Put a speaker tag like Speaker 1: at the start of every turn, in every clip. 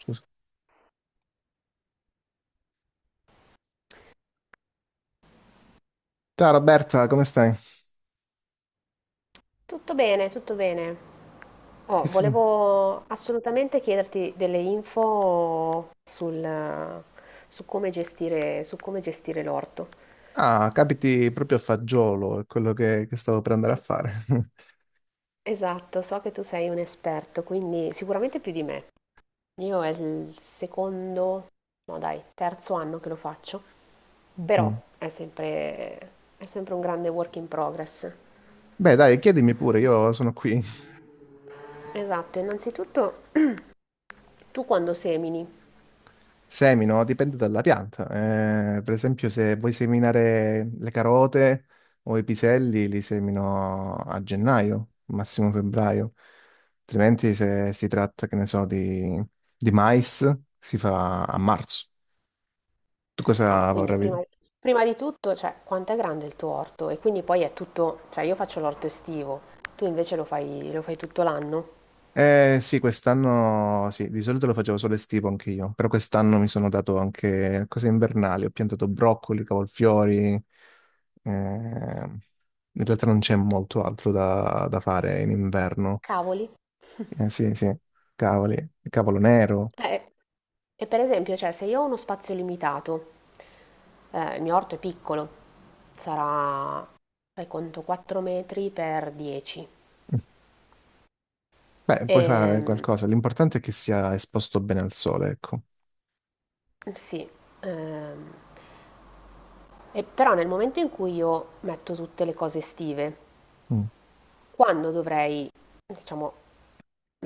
Speaker 1: Scusa. Ciao Roberta, come stai?
Speaker 2: Tutto bene, tutto bene.
Speaker 1: Che
Speaker 2: Oh,
Speaker 1: sì.
Speaker 2: volevo assolutamente chiederti delle info sul, su come gestire l'orto.
Speaker 1: Ah, capiti proprio a fagiolo, è quello che stavo per andare a
Speaker 2: Eh,
Speaker 1: fare.
Speaker 2: Esatto, so che tu sei un esperto, quindi sicuramente più di me. Io è il secondo, no dai, terzo anno che lo faccio, però
Speaker 1: Mm.
Speaker 2: è sempre, è sempre un grande work in progress.
Speaker 1: Beh, dai, chiedimi pure, io sono qui.
Speaker 2: Esatto, innanzitutto tu quando semini?
Speaker 1: Semino, dipende dalla pianta. Per esempio, se vuoi seminare le carote o i piselli, li semino a gennaio, massimo febbraio. Altrimenti, se si tratta, che ne so, di mais, si fa a marzo. Tu
Speaker 2: Ah, ma
Speaker 1: cosa
Speaker 2: quindi
Speaker 1: vorrai?
Speaker 2: prima, prima di tutto, cioè, quanto è grande il tuo orto? E quindi poi è tutto, cioè io faccio l'orto estivo, tu invece lo fai tutto l'anno?
Speaker 1: Eh sì, quest'anno sì, di solito lo facevo solo estivo anche io, però quest'anno mi sono dato anche cose invernali, ho piantato broccoli, cavolfiori, in realtà non c'è molto altro da, da fare in inverno.
Speaker 2: Cavoli.
Speaker 1: Eh sì, sì, cavoli, cavolo nero.
Speaker 2: Eh, e per esempio, cioè, se io ho uno spazio limitato, il mio orto è piccolo, sarà, fai conto, 4 metri per 10.
Speaker 1: Beh, puoi fare
Speaker 2: Ehm,
Speaker 1: qualcosa, l'importante è che sia esposto bene al sole, ecco.
Speaker 2: sì, ehm, e però nel momento in cui io metto tutte le cose estive,
Speaker 1: Mm.
Speaker 2: quando dovrei, diciamo,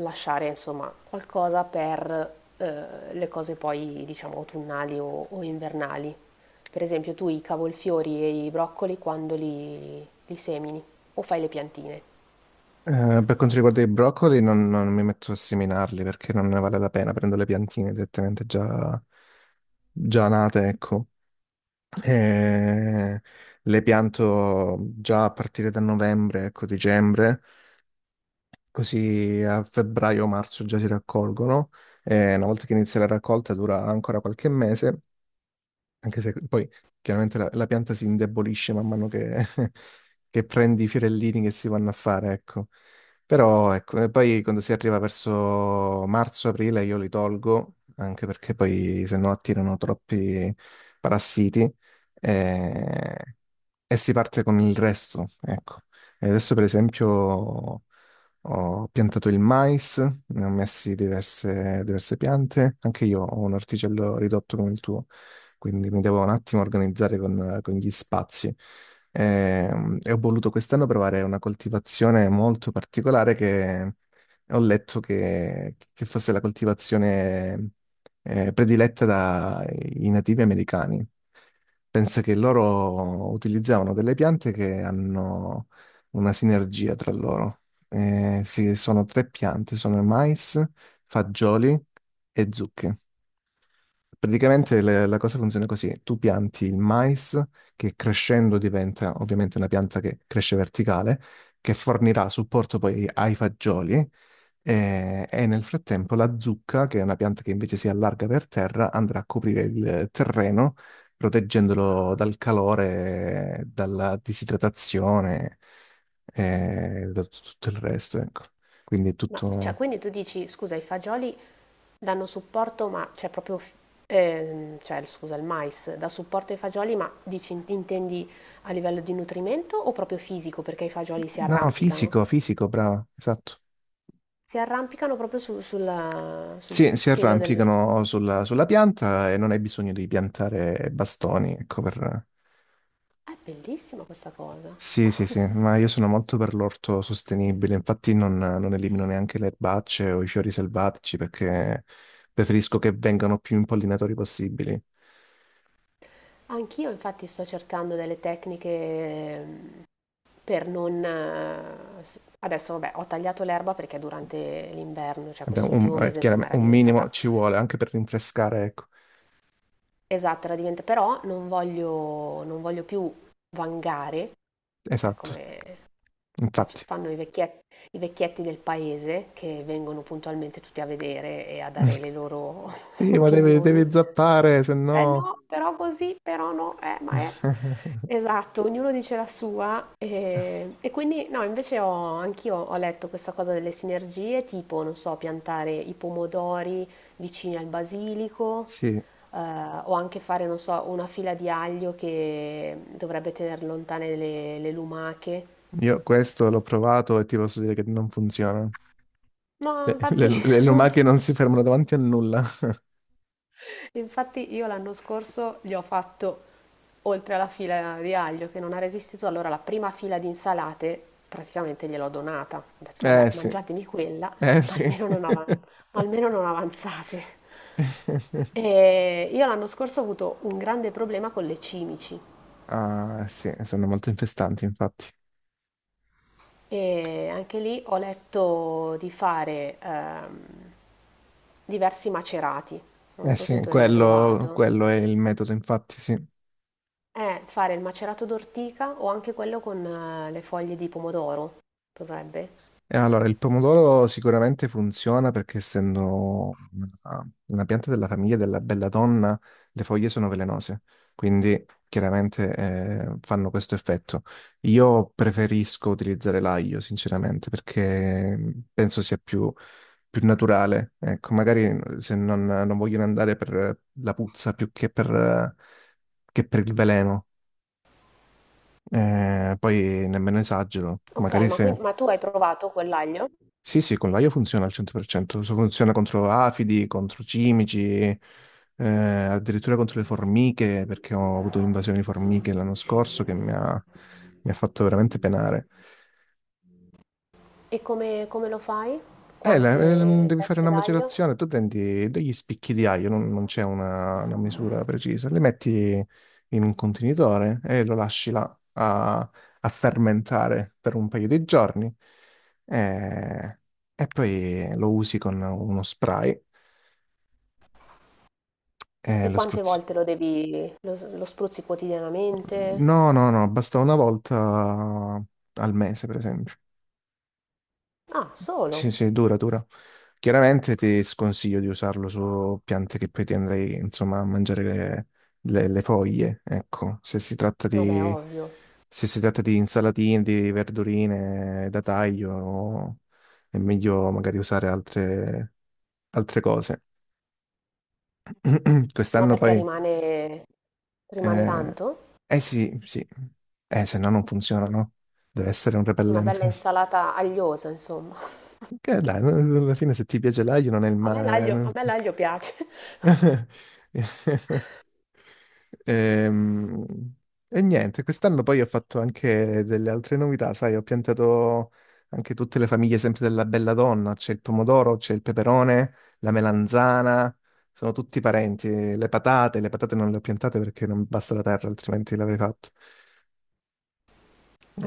Speaker 2: lasciare insomma qualcosa per, le cose poi diciamo autunnali o invernali. Per esempio tu i cavolfiori e i broccoli quando li semini o fai le piantine.
Speaker 1: Per quanto riguarda i broccoli, non mi metto a seminarli perché non ne vale la pena. Prendo le piantine direttamente già, già nate, ecco. E le pianto già a partire da novembre, ecco, dicembre, così a febbraio-marzo già si raccolgono. E una volta che inizia la raccolta dura ancora qualche mese. Anche se poi chiaramente la pianta si indebolisce man mano che, che prendi i fiorellini che si vanno a fare, ecco. Però ecco, e poi quando si arriva verso marzo-aprile io li tolgo, anche perché poi se no attirano troppi parassiti. eh, e si parte con il resto, ecco. E adesso per esempio ho piantato il mais, ne ho messi diverse piante, anche io ho un orticello ridotto come il tuo, quindi mi devo un attimo organizzare con gli spazi. Ho voluto quest'anno provare una coltivazione molto particolare che ho letto che fosse la coltivazione prediletta dai nativi americani. Pensa che loro utilizzavano delle piante che hanno una sinergia tra loro. Eh sì, sono tre piante, sono mais, fagioli e zucche. Praticamente la cosa funziona così. Tu pianti il mais, che crescendo diventa ovviamente una pianta che cresce verticale, che fornirà supporto poi ai fagioli, eh, nel frattempo la zucca, che è una pianta che invece si allarga per terra, andrà a coprire il terreno, proteggendolo dal calore, dalla disidratazione e da tutto il resto, ecco. Quindi è
Speaker 2: Ma cioè
Speaker 1: tutto...
Speaker 2: quindi tu dici: "Scusa i fagioli danno supporto ma c'è cioè proprio f" cioè scusa il mais dà supporto ai fagioli, ma dici in intendi a livello di nutrimento o proprio fisico perché i fagioli si
Speaker 1: No,
Speaker 2: arrampicano?
Speaker 1: fisico, fisico, bravo, esatto.
Speaker 2: Si arrampicano proprio su sulla sul
Speaker 1: Sì, si
Speaker 2: pelo del.
Speaker 1: arrampicano sulla pianta e non hai bisogno di piantare bastoni, ecco, per,
Speaker 2: È bellissima questa cosa.
Speaker 1: Sì, sì, sì, ma io sono molto per l'orto sostenibile, infatti non elimino neanche le erbacce o i fiori selvatici perché preferisco che vengano più impollinatori possibili.
Speaker 2: Anch'io infatti sto cercando delle tecniche, per non. Adesso vabbè, ho tagliato l'erba perché durante l'inverno, cioè
Speaker 1: Abbiamo un,
Speaker 2: quest'ultimo mese, insomma,
Speaker 1: chiaramente
Speaker 2: era
Speaker 1: un minimo
Speaker 2: diventata.
Speaker 1: ci vuole anche per rinfrescare, ecco.
Speaker 2: Esatto, era diventata. Però non voglio più vangare, cioè
Speaker 1: Esatto,
Speaker 2: come fac-
Speaker 1: infatti.
Speaker 2: fanno i vecchietti del paese che vengono puntualmente tutti a vedere e a dare le loro
Speaker 1: Sì, ma
Speaker 2: opinioni.
Speaker 1: devi zappare, se
Speaker 2: Eh
Speaker 1: no...
Speaker 2: no, però così, però no, ma è. Esatto, ognuno dice la sua e quindi no, anch'io ho letto questa cosa delle sinergie, tipo, non so, piantare i pomodori vicini al basilico,
Speaker 1: Sì,
Speaker 2: o anche fare, non so, una fila di aglio che dovrebbe tenere lontane le lumache.
Speaker 1: io questo l'ho provato e ti posso dire che non funziona.
Speaker 2: No, infatti.
Speaker 1: Le lumache non si fermano davanti a nulla.
Speaker 2: Infatti io l'anno scorso gli ho fatto, oltre alla fila di aglio che non ha resistito, allora la prima fila di insalate praticamente gliel'ho donata. Ho detto, vabbè,
Speaker 1: Eh sì,
Speaker 2: mangiatemi quella,
Speaker 1: eh
Speaker 2: ma
Speaker 1: sì.
Speaker 2: almeno non, ava- ma almeno non avanzate. E io l'anno scorso ho avuto un grande problema con le cimici
Speaker 1: Ah, eh sì, sono molto infestanti, infatti.
Speaker 2: e anche lì ho letto di fare, diversi macerati. Non
Speaker 1: Eh
Speaker 2: so se
Speaker 1: sì,
Speaker 2: tu hai mai provato.
Speaker 1: quello è il metodo, infatti, sì.
Speaker 2: Fare il macerato d'ortica o anche quello con, le foglie di pomodoro, dovrebbe.
Speaker 1: Allora, il pomodoro sicuramente funziona perché essendo una pianta della famiglia della belladonna, le foglie sono velenose, quindi chiaramente fanno questo effetto. Io preferisco utilizzare l'aglio, sinceramente, perché penso sia più, più naturale. Ecco, magari se non vogliono andare per la puzza più che che per il veleno. Poi nemmeno esagero,
Speaker 2: Ok,
Speaker 1: magari
Speaker 2: ma, quin-
Speaker 1: se...
Speaker 2: ma tu hai provato quell'aglio?
Speaker 1: Sì, sì, con l'aglio funziona al 100%, funziona contro afidi, contro cimici, addirittura contro le formiche, perché ho avuto invasione di formiche l'anno scorso che mi ha fatto veramente penare.
Speaker 2: E come lo fai? Quante
Speaker 1: Devi fare una
Speaker 2: teste d'aglio?
Speaker 1: macerazione, tu prendi degli spicchi di aglio, non c'è una misura precisa, li metti in un contenitore e lo lasci là a fermentare per un paio di giorni eh, e poi lo usi con uno spray.
Speaker 2: E
Speaker 1: Lo
Speaker 2: quante
Speaker 1: spruzzi.
Speaker 2: volte lo spruzzi quotidianamente?
Speaker 1: No, no, no, basta una volta al mese, per esempio.
Speaker 2: Ah,
Speaker 1: Sì,
Speaker 2: solo?
Speaker 1: sì, dura, dura. Chiaramente ti sconsiglio di usarlo su piante che poi ti andrei, insomma, a mangiare le foglie, ecco. Se si tratta
Speaker 2: Vabbè,
Speaker 1: di,
Speaker 2: ovvio.
Speaker 1: se si tratta di insalatine, di verdurine da taglio, è meglio magari usare altre, altre cose.
Speaker 2: Ma
Speaker 1: Quest'anno
Speaker 2: perché
Speaker 1: poi...
Speaker 2: rimane
Speaker 1: Eh,
Speaker 2: tanto?
Speaker 1: eh sì, sì. Se no non funziona, no? Deve essere un
Speaker 2: Una bella
Speaker 1: repellente.
Speaker 2: insalata agliosa, insomma.
Speaker 1: Che dai, no, no, alla fine se ti piace l'aglio non è il
Speaker 2: A me l'aglio, a
Speaker 1: male.
Speaker 2: me l'aglio piace.
Speaker 1: Ehm, Niente, quest'anno poi ho fatto anche delle altre novità, sai, ho piantato anche tutte le famiglie sempre della bella donna, c'è il pomodoro, c'è il peperone, la melanzana, sono tutti parenti, le patate non le ho piantate perché non basta la terra, altrimenti l'avrei fatto.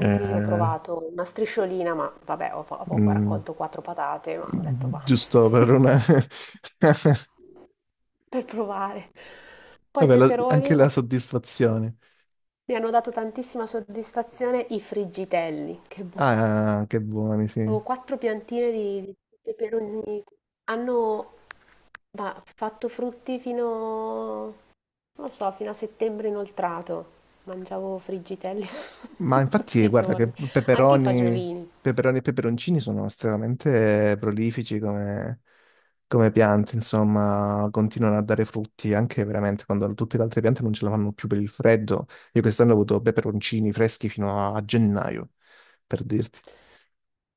Speaker 1: Eh,
Speaker 2: io ho provato una strisciolina, ma vabbè, ho poco
Speaker 1: Mm,
Speaker 2: raccolto quattro patate, ma ho detto va,
Speaker 1: Giusto per una...
Speaker 2: per provare. Poi i
Speaker 1: Vabbè,
Speaker 2: peperoni
Speaker 1: anche la soddisfazione.
Speaker 2: mi hanno dato tantissima soddisfazione i friggitelli, che buoni.
Speaker 1: Ah, che buoni, sì.
Speaker 2: Avevo quattro piantine di peperoni, hanno ma, fatto frutti fino, non lo so, fino a settembre inoltrato. Mangiavo friggitelli
Speaker 1: Ma infatti,
Speaker 2: tutti i
Speaker 1: guarda
Speaker 2: giorni,
Speaker 1: che
Speaker 2: anche i
Speaker 1: peperoni,
Speaker 2: fagiolini.
Speaker 1: peperoni e peperoncini sono estremamente prolifici come piante, insomma, continuano a dare frutti anche veramente quando tutte le altre piante non ce la fanno più per il freddo. Io quest'anno ho avuto peperoncini freschi fino a gennaio, per dirti.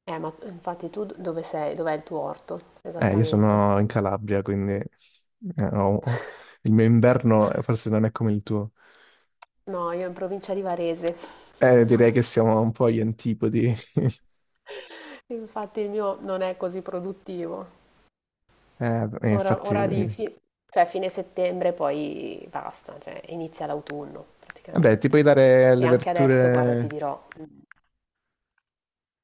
Speaker 2: Ma infatti tu dove sei? Dov'è il tuo orto?
Speaker 1: Io
Speaker 2: Esattamente.
Speaker 1: sono in Calabria, quindi ho- ho- il mio inverno forse non è come il tuo.
Speaker 2: No, io in provincia di Varese.
Speaker 1: Direi che siamo un po' agli antipodi.
Speaker 2: Infatti il mio non è così produttivo. Ora,
Speaker 1: Infatti,
Speaker 2: ora di cioè fine settembre poi basta, cioè inizia l'autunno
Speaker 1: vabbè, ti puoi
Speaker 2: praticamente.
Speaker 1: dare
Speaker 2: E
Speaker 1: le
Speaker 2: anche adesso, guarda, ti
Speaker 1: verdure
Speaker 2: dirò.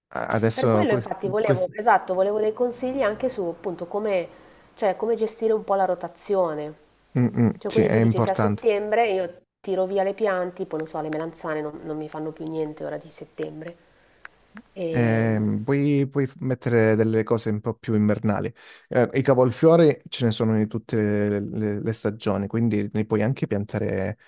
Speaker 2: Per
Speaker 1: adesso.
Speaker 2: quello infatti
Speaker 1: Que-
Speaker 2: volevo, esatto, volevo dei consigli anche su appunto come, cioè, come gestire un po' la rotazione.
Speaker 1: Mm, mm,
Speaker 2: Cioè,
Speaker 1: sì,
Speaker 2: quindi
Speaker 1: è
Speaker 2: tu dici se a
Speaker 1: importante.
Speaker 2: settembre io tiro via le piante, tipo, non so, le melanzane non mi fanno più niente ora di settembre. E,
Speaker 1: Puoi, puoi mettere delle cose un po' più invernali. I cavolfiori ce ne sono in tutte le stagioni, quindi ne puoi anche piantare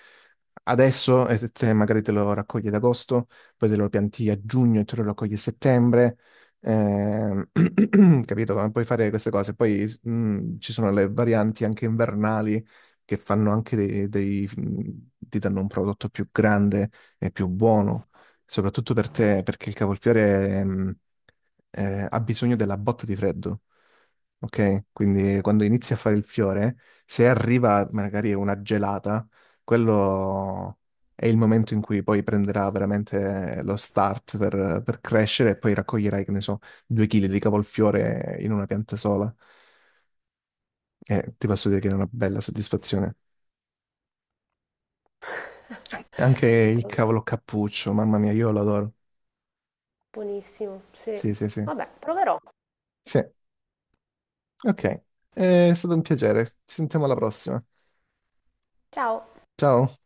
Speaker 1: adesso, e se magari te lo raccogli ad agosto, poi te lo pianti a giugno e te lo raccogli a settembre. Capito? Ma puoi fare queste cose. Poi ci sono le varianti anche invernali che fanno anche ti danno un prodotto più grande e più buono soprattutto per te, perché il cavolfiore ha bisogno della botta di freddo, ok? Quindi quando inizi a fare il fiore, se arriva magari una gelata, quello è il momento in cui poi prenderà veramente lo start per crescere e poi raccoglierai, che ne so, 2 chili di cavolfiore in una pianta sola. E ti posso dire che è una bella soddisfazione. Anche il cavolo cappuccio, mamma mia, io lo adoro.
Speaker 2: Buonissimo, sì.
Speaker 1: Sì, sì, sì.
Speaker 2: Vabbè, proverò.
Speaker 1: Sì. Ok, è stato un piacere. Ci sentiamo alla prossima.
Speaker 2: Ciao.
Speaker 1: Ciao.